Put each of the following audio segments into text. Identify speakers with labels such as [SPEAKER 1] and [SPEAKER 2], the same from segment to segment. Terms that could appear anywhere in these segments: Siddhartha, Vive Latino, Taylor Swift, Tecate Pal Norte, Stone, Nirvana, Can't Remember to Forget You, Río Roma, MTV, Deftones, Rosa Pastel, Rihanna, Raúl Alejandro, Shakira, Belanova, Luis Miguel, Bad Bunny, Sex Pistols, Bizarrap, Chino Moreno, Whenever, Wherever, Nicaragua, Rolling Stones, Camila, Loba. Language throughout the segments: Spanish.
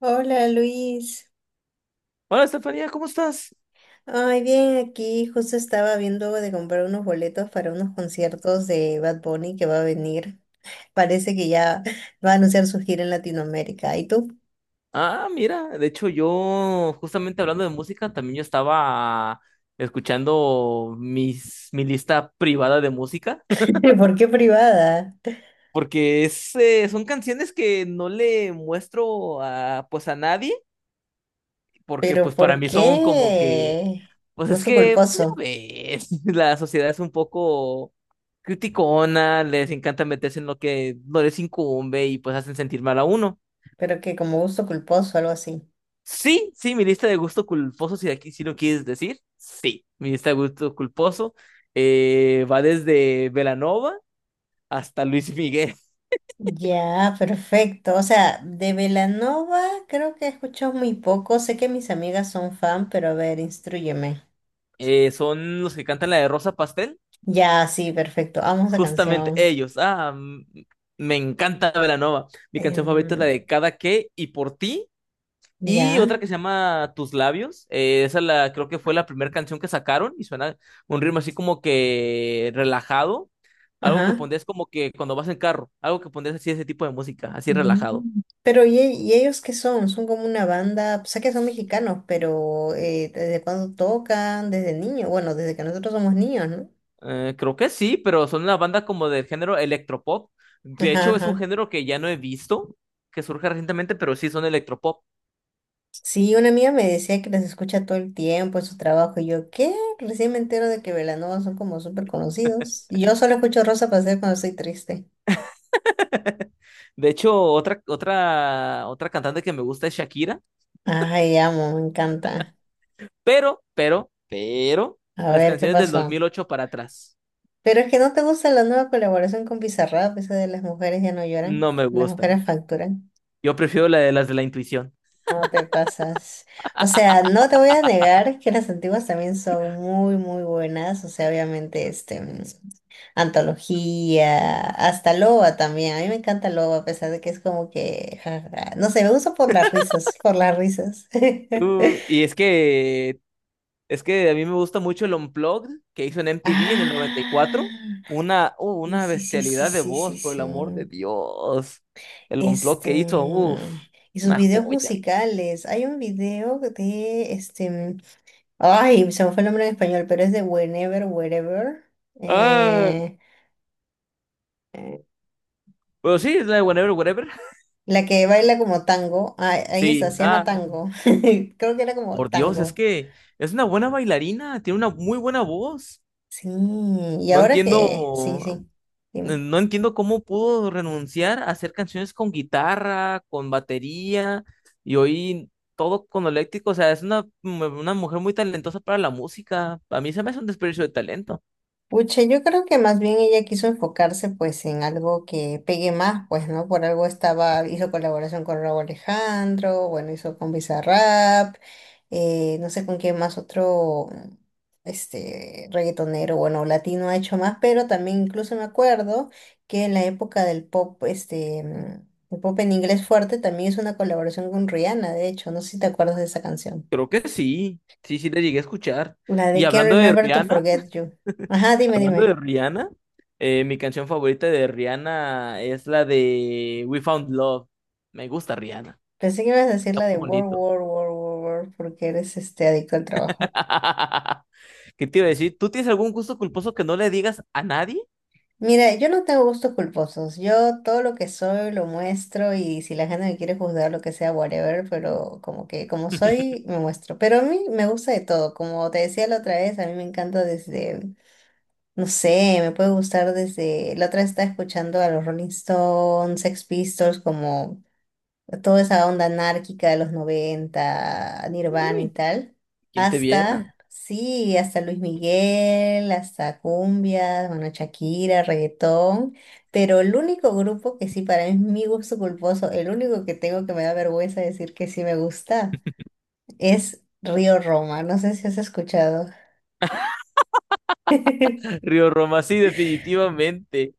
[SPEAKER 1] Hola Luis.
[SPEAKER 2] Hola, Estefanía, ¿cómo estás?
[SPEAKER 1] Ay, bien, aquí justo estaba viendo de comprar unos boletos para unos conciertos de Bad Bunny que va a venir. Parece que ya va a anunciar su gira en Latinoamérica. ¿Y tú?
[SPEAKER 2] Ah, mira, de hecho yo, justamente hablando de música, también yo estaba escuchando mi lista privada de música,
[SPEAKER 1] ¿Por qué privada?
[SPEAKER 2] porque son canciones que no le muestro pues a nadie, porque
[SPEAKER 1] ¿Pero
[SPEAKER 2] pues para
[SPEAKER 1] por
[SPEAKER 2] mí son como que,
[SPEAKER 1] qué?
[SPEAKER 2] pues es
[SPEAKER 1] Gusto
[SPEAKER 2] que, pues, ya
[SPEAKER 1] culposo.
[SPEAKER 2] ves, la sociedad es un poco criticona, les encanta meterse en lo que no les incumbe y pues hacen sentir mal a uno.
[SPEAKER 1] Pero que como gusto culposo, algo así.
[SPEAKER 2] Sí, sí, mi lista de gusto culposo, si aquí sí lo quieres decir, sí, mi lista de gusto culposo va desde Belanova hasta Luis Miguel.
[SPEAKER 1] Ya, perfecto. O sea, de Belanova creo que he escuchado muy poco. Sé que mis amigas son fan, pero a ver, instrúyeme.
[SPEAKER 2] Son los que cantan la de Rosa Pastel,
[SPEAKER 1] Ya, sí, perfecto. Amo esa
[SPEAKER 2] justamente
[SPEAKER 1] canción.
[SPEAKER 2] ellos. Ah, me encanta Belanova. Mi canción favorita es la
[SPEAKER 1] Em,
[SPEAKER 2] de Cada que y por ti. Y
[SPEAKER 1] ya,
[SPEAKER 2] otra que se llama Tus Labios. Creo que fue la primera canción que sacaron y suena un ritmo así como que relajado. Algo que
[SPEAKER 1] ajá.
[SPEAKER 2] pondrías como que cuando vas en carro. Algo que pondrías así ese tipo de música, así
[SPEAKER 1] Mm.
[SPEAKER 2] relajado.
[SPEAKER 1] Pero ¿y, y ellos qué son? Son como una banda, sé que son mexicanos, pero ¿desde cuándo tocan? Desde niños, bueno, desde que nosotros somos niños, ¿no?
[SPEAKER 2] Creo que sí, pero son una banda como del género electropop. De
[SPEAKER 1] Ajá,
[SPEAKER 2] hecho, es un
[SPEAKER 1] ajá.
[SPEAKER 2] género que ya no he visto, que surge recientemente, pero sí son electropop.
[SPEAKER 1] Sí, una amiga me decía que les escucha todo el tiempo en su trabajo y yo, ¿qué? Recién me entero de que Velanova son como súper conocidos. Y yo solo escucho Rosa Pastel cuando estoy triste.
[SPEAKER 2] De hecho, otra cantante que me gusta es Shakira,
[SPEAKER 1] Ay, amo, me encanta.
[SPEAKER 2] pero,
[SPEAKER 1] A
[SPEAKER 2] las
[SPEAKER 1] ver, ¿qué
[SPEAKER 2] canciones del
[SPEAKER 1] pasó?
[SPEAKER 2] 2008 para atrás
[SPEAKER 1] Pero es que no te gusta la nueva colaboración con Bizarrap, eso de las mujeres ya no lloran,
[SPEAKER 2] no me
[SPEAKER 1] las
[SPEAKER 2] gustan.
[SPEAKER 1] mujeres facturan.
[SPEAKER 2] Yo prefiero la de las de la intuición.
[SPEAKER 1] No te pasas. O sea, no te voy a negar que las antiguas también son muy, muy buenas. O sea, obviamente, antología, hasta Loba también. A mí me encanta Loba, a pesar de que es como que, ja, ja, no sé, me gusta por las risas, por las risas.
[SPEAKER 2] Y es que a mí me gusta mucho el Unplugged que hizo en MTV en el 94.
[SPEAKER 1] Ah,
[SPEAKER 2] Una, uh,
[SPEAKER 1] sí,
[SPEAKER 2] una
[SPEAKER 1] sí, sí, sí,
[SPEAKER 2] bestialidad de
[SPEAKER 1] sí,
[SPEAKER 2] voz,
[SPEAKER 1] sí,
[SPEAKER 2] por el
[SPEAKER 1] sí.
[SPEAKER 2] amor de Dios. El Unplugged
[SPEAKER 1] Este,
[SPEAKER 2] que hizo, uff,
[SPEAKER 1] y sus
[SPEAKER 2] una
[SPEAKER 1] videos
[SPEAKER 2] joya.
[SPEAKER 1] musicales. Hay un video de ay, se me fue el nombre en español, pero es de Whenever, Wherever.
[SPEAKER 2] Ah,
[SPEAKER 1] eh, eh,
[SPEAKER 2] pero sí, es la de Whatever, Whatever.
[SPEAKER 1] la que baila como tango. Ah, ahí está,
[SPEAKER 2] Sí,
[SPEAKER 1] se llama
[SPEAKER 2] ah,
[SPEAKER 1] tango. Creo que era como
[SPEAKER 2] por Dios, es
[SPEAKER 1] tango.
[SPEAKER 2] que es una buena bailarina, tiene una muy buena voz.
[SPEAKER 1] Sí, y
[SPEAKER 2] No
[SPEAKER 1] ahora que, sí,
[SPEAKER 2] entiendo,
[SPEAKER 1] sí, dime.
[SPEAKER 2] No entiendo cómo pudo renunciar a hacer canciones con guitarra, con batería y hoy todo con eléctrico. O sea, es una mujer muy talentosa para la música. A mí se me hace un desperdicio de talento.
[SPEAKER 1] Pucha, yo creo que más bien ella quiso enfocarse pues en algo que pegue más, pues, ¿no? Por algo estaba, hizo colaboración con Raúl Alejandro, bueno, hizo con Bizarrap, no sé con quién más otro, este, reggaetonero, bueno, latino ha hecho más, pero también incluso me acuerdo que en la época del pop, el pop en inglés fuerte, también hizo una colaboración con Rihanna, de hecho, no sé si te acuerdas de esa canción.
[SPEAKER 2] Creo que sí, sí, sí le llegué a escuchar.
[SPEAKER 1] La
[SPEAKER 2] Y
[SPEAKER 1] de Can't
[SPEAKER 2] hablando de
[SPEAKER 1] Remember to
[SPEAKER 2] Rihanna,
[SPEAKER 1] Forget You. Ajá, dime,
[SPEAKER 2] hablando de
[SPEAKER 1] dime.
[SPEAKER 2] Rihanna, mi canción favorita de Rihanna es la de We Found Love. Me gusta Rihanna,
[SPEAKER 1] Pensé que ibas a decir
[SPEAKER 2] está
[SPEAKER 1] la de
[SPEAKER 2] muy
[SPEAKER 1] World,
[SPEAKER 2] bonito.
[SPEAKER 1] War, War, War, War, porque eres este adicto al trabajo.
[SPEAKER 2] ¿Qué te iba a decir? ¿Tú tienes algún gusto culposo que no le digas a nadie?
[SPEAKER 1] Mira, yo no tengo gustos culposos. Yo todo lo que soy lo muestro y si la gente me quiere juzgar lo que sea, whatever, pero como que como soy, me muestro. Pero a mí me gusta de todo. Como te decía la otra vez, a mí me encanta desde, no sé, me puede gustar desde, la otra vez estaba escuchando a los Rolling Stones, Sex Pistols, como toda esa onda anárquica de los 90 Nirvana y
[SPEAKER 2] Uy,
[SPEAKER 1] tal,
[SPEAKER 2] ¿quién te viera?
[SPEAKER 1] hasta, sí, hasta Luis Miguel, hasta cumbia, bueno, Shakira, reggaetón, pero el único grupo que sí para mí es mi gusto culposo, el único que tengo que me da vergüenza decir que sí me gusta, es Río Roma, no sé si has escuchado.
[SPEAKER 2] Río Roma, sí, definitivamente.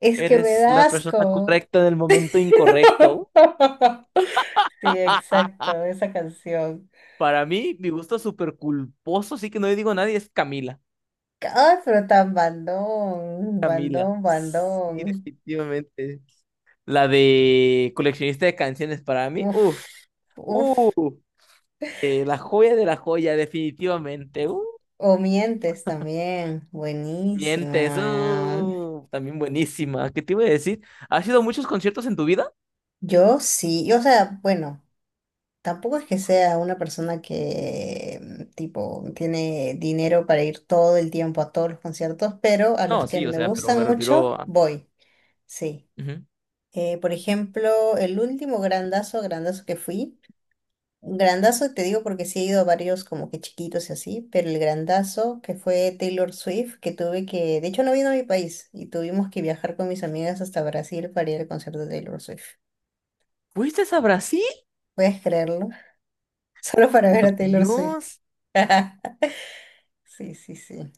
[SPEAKER 1] Es que me
[SPEAKER 2] Eres
[SPEAKER 1] da
[SPEAKER 2] la
[SPEAKER 1] asco.
[SPEAKER 2] persona correcta en el momento incorrecto.
[SPEAKER 1] Sí, exacto, esa canción.
[SPEAKER 2] Para mí, mi gusto súper culposo, sí que no le digo a nadie, es Camila.
[SPEAKER 1] Ay, pero tan bandón,
[SPEAKER 2] Camila.
[SPEAKER 1] bandón,
[SPEAKER 2] Sí,
[SPEAKER 1] bandón.
[SPEAKER 2] definitivamente. La de coleccionista de canciones para mí.
[SPEAKER 1] Uf, uf.
[SPEAKER 2] Uh, la joya de la joya, definitivamente.
[SPEAKER 1] O mientes también. Buenísimo,
[SPEAKER 2] Mientes.
[SPEAKER 1] mano.
[SPEAKER 2] También buenísima. ¿Qué te iba a decir? ¿Has ido a muchos conciertos en tu vida?
[SPEAKER 1] Yo sí, o sea, bueno, tampoco es que sea una persona que tipo tiene dinero para ir todo el tiempo a todos los conciertos, pero a los
[SPEAKER 2] No,
[SPEAKER 1] que
[SPEAKER 2] sí, o
[SPEAKER 1] me
[SPEAKER 2] sea, pero me
[SPEAKER 1] gustan
[SPEAKER 2] refiero
[SPEAKER 1] mucho,
[SPEAKER 2] a...
[SPEAKER 1] voy. Sí.
[SPEAKER 2] Ujú.
[SPEAKER 1] Por ejemplo, el último grandazo, grandazo que fui. Grandazo, te digo porque sí he ido a varios como que chiquitos y así, pero el grandazo que fue Taylor Swift, que tuve que, de hecho no vino a mi país y tuvimos que viajar con mis amigas hasta Brasil para ir al concierto de Taylor Swift.
[SPEAKER 2] ¿Fuiste a Brasil?
[SPEAKER 1] ¿Puedes creerlo? Solo para ver
[SPEAKER 2] Por
[SPEAKER 1] a Taylor Swift.
[SPEAKER 2] Dios,
[SPEAKER 1] Sí, sí, sí.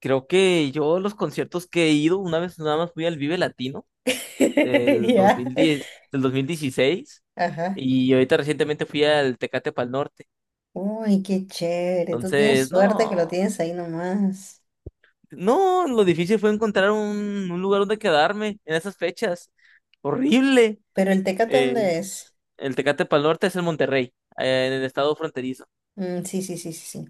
[SPEAKER 2] creo que yo los conciertos que he ido, una vez nada más fui al Vive Latino del dos
[SPEAKER 1] Ya.
[SPEAKER 2] mil diez, del 2016,
[SPEAKER 1] Ajá.
[SPEAKER 2] y ahorita recientemente fui al Tecate Pal Norte.
[SPEAKER 1] Uy, qué chévere. Tú tienes
[SPEAKER 2] Entonces,
[SPEAKER 1] suerte que lo
[SPEAKER 2] no,
[SPEAKER 1] tienes ahí nomás.
[SPEAKER 2] no, lo difícil fue encontrar un lugar donde quedarme en esas fechas. Horrible.
[SPEAKER 1] Pero el Tecate,
[SPEAKER 2] Eh,
[SPEAKER 1] ¿dónde es?
[SPEAKER 2] el Tecate Pal Norte es el Monterrey, en el estado fronterizo.
[SPEAKER 1] Mm, sí, sí, sí, sí, sí.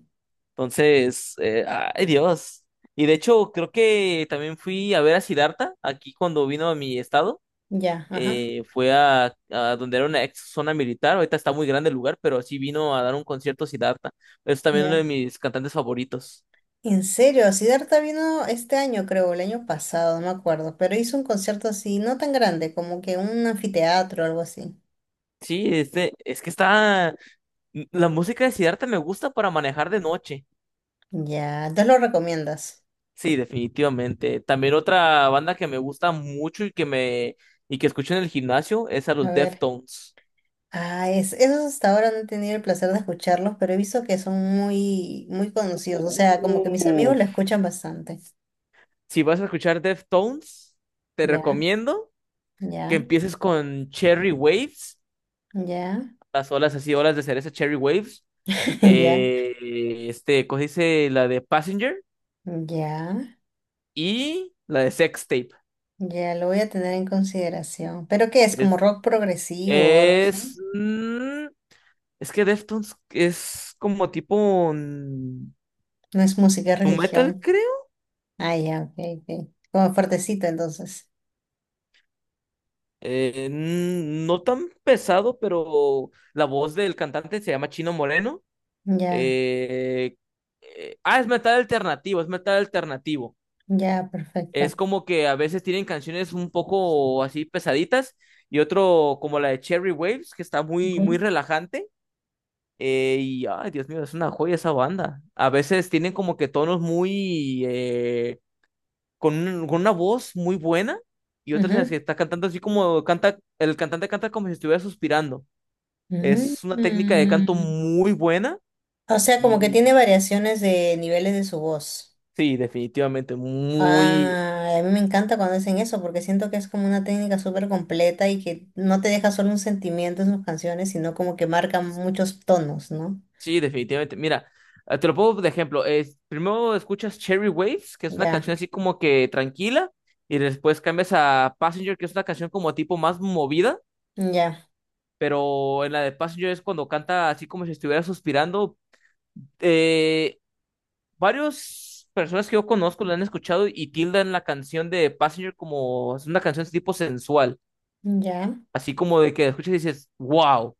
[SPEAKER 2] Entonces, ay Dios. Y de hecho, creo que también fui a ver a Siddhartha aquí cuando vino a mi estado.
[SPEAKER 1] Ya, ajá.
[SPEAKER 2] Fue a donde era una ex zona militar. Ahorita está muy grande el lugar, pero sí vino a dar un concierto Siddhartha. Es también uno de
[SPEAKER 1] Ya.
[SPEAKER 2] mis cantantes favoritos.
[SPEAKER 1] En serio, Siddhartha vino este año, creo, el año pasado, no me acuerdo, pero hizo un concierto así, no tan grande, como que un anfiteatro o algo así.
[SPEAKER 2] Sí, este, es que está. La música de Siddhartha me gusta para manejar de noche.
[SPEAKER 1] Ya, entonces lo recomiendas.
[SPEAKER 2] Sí, definitivamente. También otra banda que me gusta mucho y que escucho en el gimnasio es a
[SPEAKER 1] A
[SPEAKER 2] los
[SPEAKER 1] ver.
[SPEAKER 2] Deftones.
[SPEAKER 1] Ah, esos hasta ahora no he tenido el placer de escucharlos, pero he visto que son muy, muy conocidos. O sea, como que mis amigos lo
[SPEAKER 2] Uf,
[SPEAKER 1] escuchan bastante.
[SPEAKER 2] si vas a escuchar Deftones, te
[SPEAKER 1] Ya,
[SPEAKER 2] recomiendo que
[SPEAKER 1] ya,
[SPEAKER 2] empieces con Cherry Waves,
[SPEAKER 1] ya,
[SPEAKER 2] las olas así, olas de cereza Cherry Waves.
[SPEAKER 1] ya,
[SPEAKER 2] Este, ¿cómo se dice? La de Passenger
[SPEAKER 1] ya,
[SPEAKER 2] y la de Sex Tape.
[SPEAKER 1] ya, lo voy a tener en consideración. ¿Pero qué es? ¿Como
[SPEAKER 2] Es,
[SPEAKER 1] rock progresivo o algo
[SPEAKER 2] es,
[SPEAKER 1] así?
[SPEAKER 2] mm, es que Deftones es como tipo
[SPEAKER 1] No es música, es
[SPEAKER 2] nu metal,
[SPEAKER 1] religión.
[SPEAKER 2] creo.
[SPEAKER 1] Ah, ya, ok, ok. Como fuertecito entonces.
[SPEAKER 2] No tan pesado, pero la voz del cantante se llama Chino Moreno.
[SPEAKER 1] Ya,
[SPEAKER 2] Eh, es metal alternativo, es metal alternativo.
[SPEAKER 1] ya, perfecto.
[SPEAKER 2] Es como que a veces tienen canciones un poco así pesaditas y otro como la de Cherry Waves, que está muy, muy
[SPEAKER 1] Ujú,
[SPEAKER 2] relajante. Y, ay, Dios mío, es una joya esa banda. A veces tienen como que tonos muy, con una voz muy buena y otras en las
[SPEAKER 1] ujú.
[SPEAKER 2] que está cantando así como canta, el cantante canta como si estuviera suspirando.
[SPEAKER 1] Mm,
[SPEAKER 2] Es una técnica de canto
[SPEAKER 1] mm.
[SPEAKER 2] muy buena.
[SPEAKER 1] O sea, como que tiene variaciones de niveles de su voz.
[SPEAKER 2] Sí, definitivamente,
[SPEAKER 1] Ah, a mí me encanta cuando hacen eso porque siento que es como una técnica súper completa y que no te deja solo un sentimiento en sus canciones, sino como que marca muchos tonos, ¿no?
[SPEAKER 2] sí, definitivamente. Mira, te lo pongo de ejemplo. Primero escuchas Cherry Waves, que es una
[SPEAKER 1] Ya,
[SPEAKER 2] canción así como que tranquila, y después cambias a Passenger, que es una canción como tipo más movida,
[SPEAKER 1] ya,
[SPEAKER 2] pero en la de Passenger es cuando canta así como si estuviera suspirando. Eh, varias personas que yo conozco la han escuchado y tildan la canción de Passenger como es una canción tipo sensual,
[SPEAKER 1] ya.
[SPEAKER 2] así como de que la escuchas y dices, wow.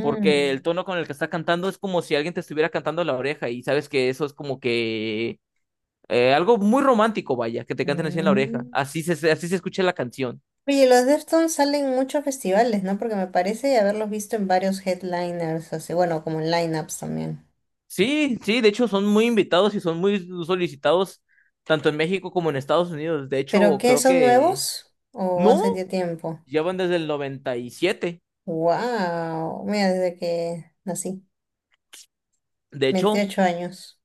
[SPEAKER 2] Porque el tono con el que está cantando es como si alguien te estuviera cantando en la oreja y sabes que eso es como que algo muy romántico, vaya, que te canten así en la oreja.
[SPEAKER 1] mm.
[SPEAKER 2] Así se escucha la canción.
[SPEAKER 1] Oye, los Deftones salen en muchos festivales, ¿no? Porque me parece haberlos visto en varios headliners, así, bueno, como en lineups también.
[SPEAKER 2] Sí, sí, de hecho son muy invitados y son muy solicitados tanto en México como en Estados Unidos. De
[SPEAKER 1] ¿Pero
[SPEAKER 2] hecho,
[SPEAKER 1] qué,
[SPEAKER 2] creo
[SPEAKER 1] son
[SPEAKER 2] que
[SPEAKER 1] nuevos? ¿O
[SPEAKER 2] no,
[SPEAKER 1] hace ya tiempo?
[SPEAKER 2] ya van desde el noventa y siete.
[SPEAKER 1] ¡Wow! Mira, desde que nací,
[SPEAKER 2] De hecho,
[SPEAKER 1] 28 años.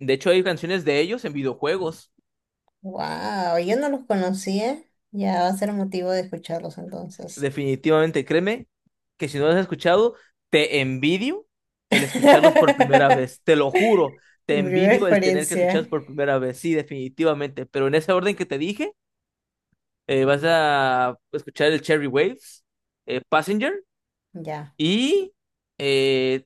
[SPEAKER 2] de hecho, hay canciones de ellos en videojuegos.
[SPEAKER 1] ¡Wow! Yo no los conocía. Ya va a ser motivo de escucharlos entonces.
[SPEAKER 2] Definitivamente, créeme que si no los has escuchado, te envidio el escucharlos por primera vez, te lo juro, te
[SPEAKER 1] Mi primera
[SPEAKER 2] envidio el tener que
[SPEAKER 1] experiencia.
[SPEAKER 2] escucharlos por primera vez, sí, definitivamente, pero en ese orden que te dije, Vas a escuchar el Cherry Waves, Passenger
[SPEAKER 1] Ya,
[SPEAKER 2] y eh,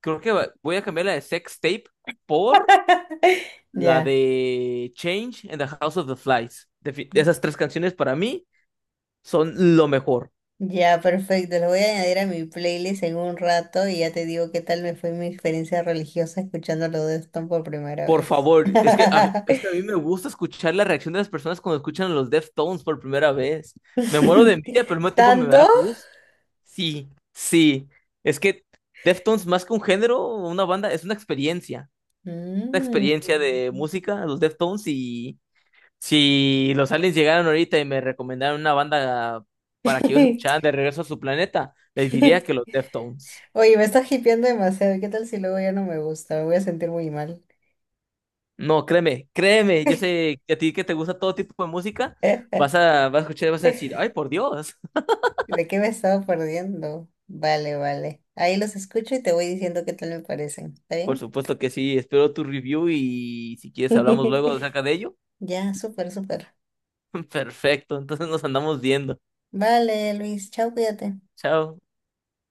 [SPEAKER 2] creo que voy a cambiar la de Sex Tape por la
[SPEAKER 1] ya.
[SPEAKER 2] de Change and the House of the Flies. Esas tres canciones para mí son lo mejor.
[SPEAKER 1] Ya, perfecto. Lo voy a añadir a mi playlist en un rato y ya te digo qué tal me fue mi experiencia religiosa escuchando los de Stone por primera
[SPEAKER 2] Por
[SPEAKER 1] vez.
[SPEAKER 2] favor, es que a mí me gusta escuchar la reacción de las personas cuando escuchan los Deftones por primera vez. Me muero de envidia, pero al mismo tiempo me
[SPEAKER 1] ¿Tanto?
[SPEAKER 2] da gusto. Sí, sí. Es que Deftones, más que un género, una banda, es una experiencia. Una
[SPEAKER 1] Mm.
[SPEAKER 2] experiencia de música, los Deftones. Y si los aliens llegaron ahorita y me recomendaron una banda para que ellos escucharan de regreso a su planeta, les diría que los Deftones.
[SPEAKER 1] Oye, me estás hipeando demasiado. ¿Qué tal si luego ya no me gusta? Me voy a sentir muy mal.
[SPEAKER 2] No, créeme, créeme, yo sé que a ti que te gusta todo tipo de música, vas a escuchar y vas a decir, ay, por Dios.
[SPEAKER 1] ¿De qué me estaba perdiendo? Vale, vale. Ahí los escucho y te voy diciendo qué tal me parecen. ¿Está
[SPEAKER 2] Por
[SPEAKER 1] bien?
[SPEAKER 2] supuesto que sí, espero tu review y si quieres hablamos luego acerca de ello.
[SPEAKER 1] Ya, súper, súper.
[SPEAKER 2] Perfecto, entonces nos andamos viendo.
[SPEAKER 1] Vale, Luis, chao, cuídate.
[SPEAKER 2] Chao.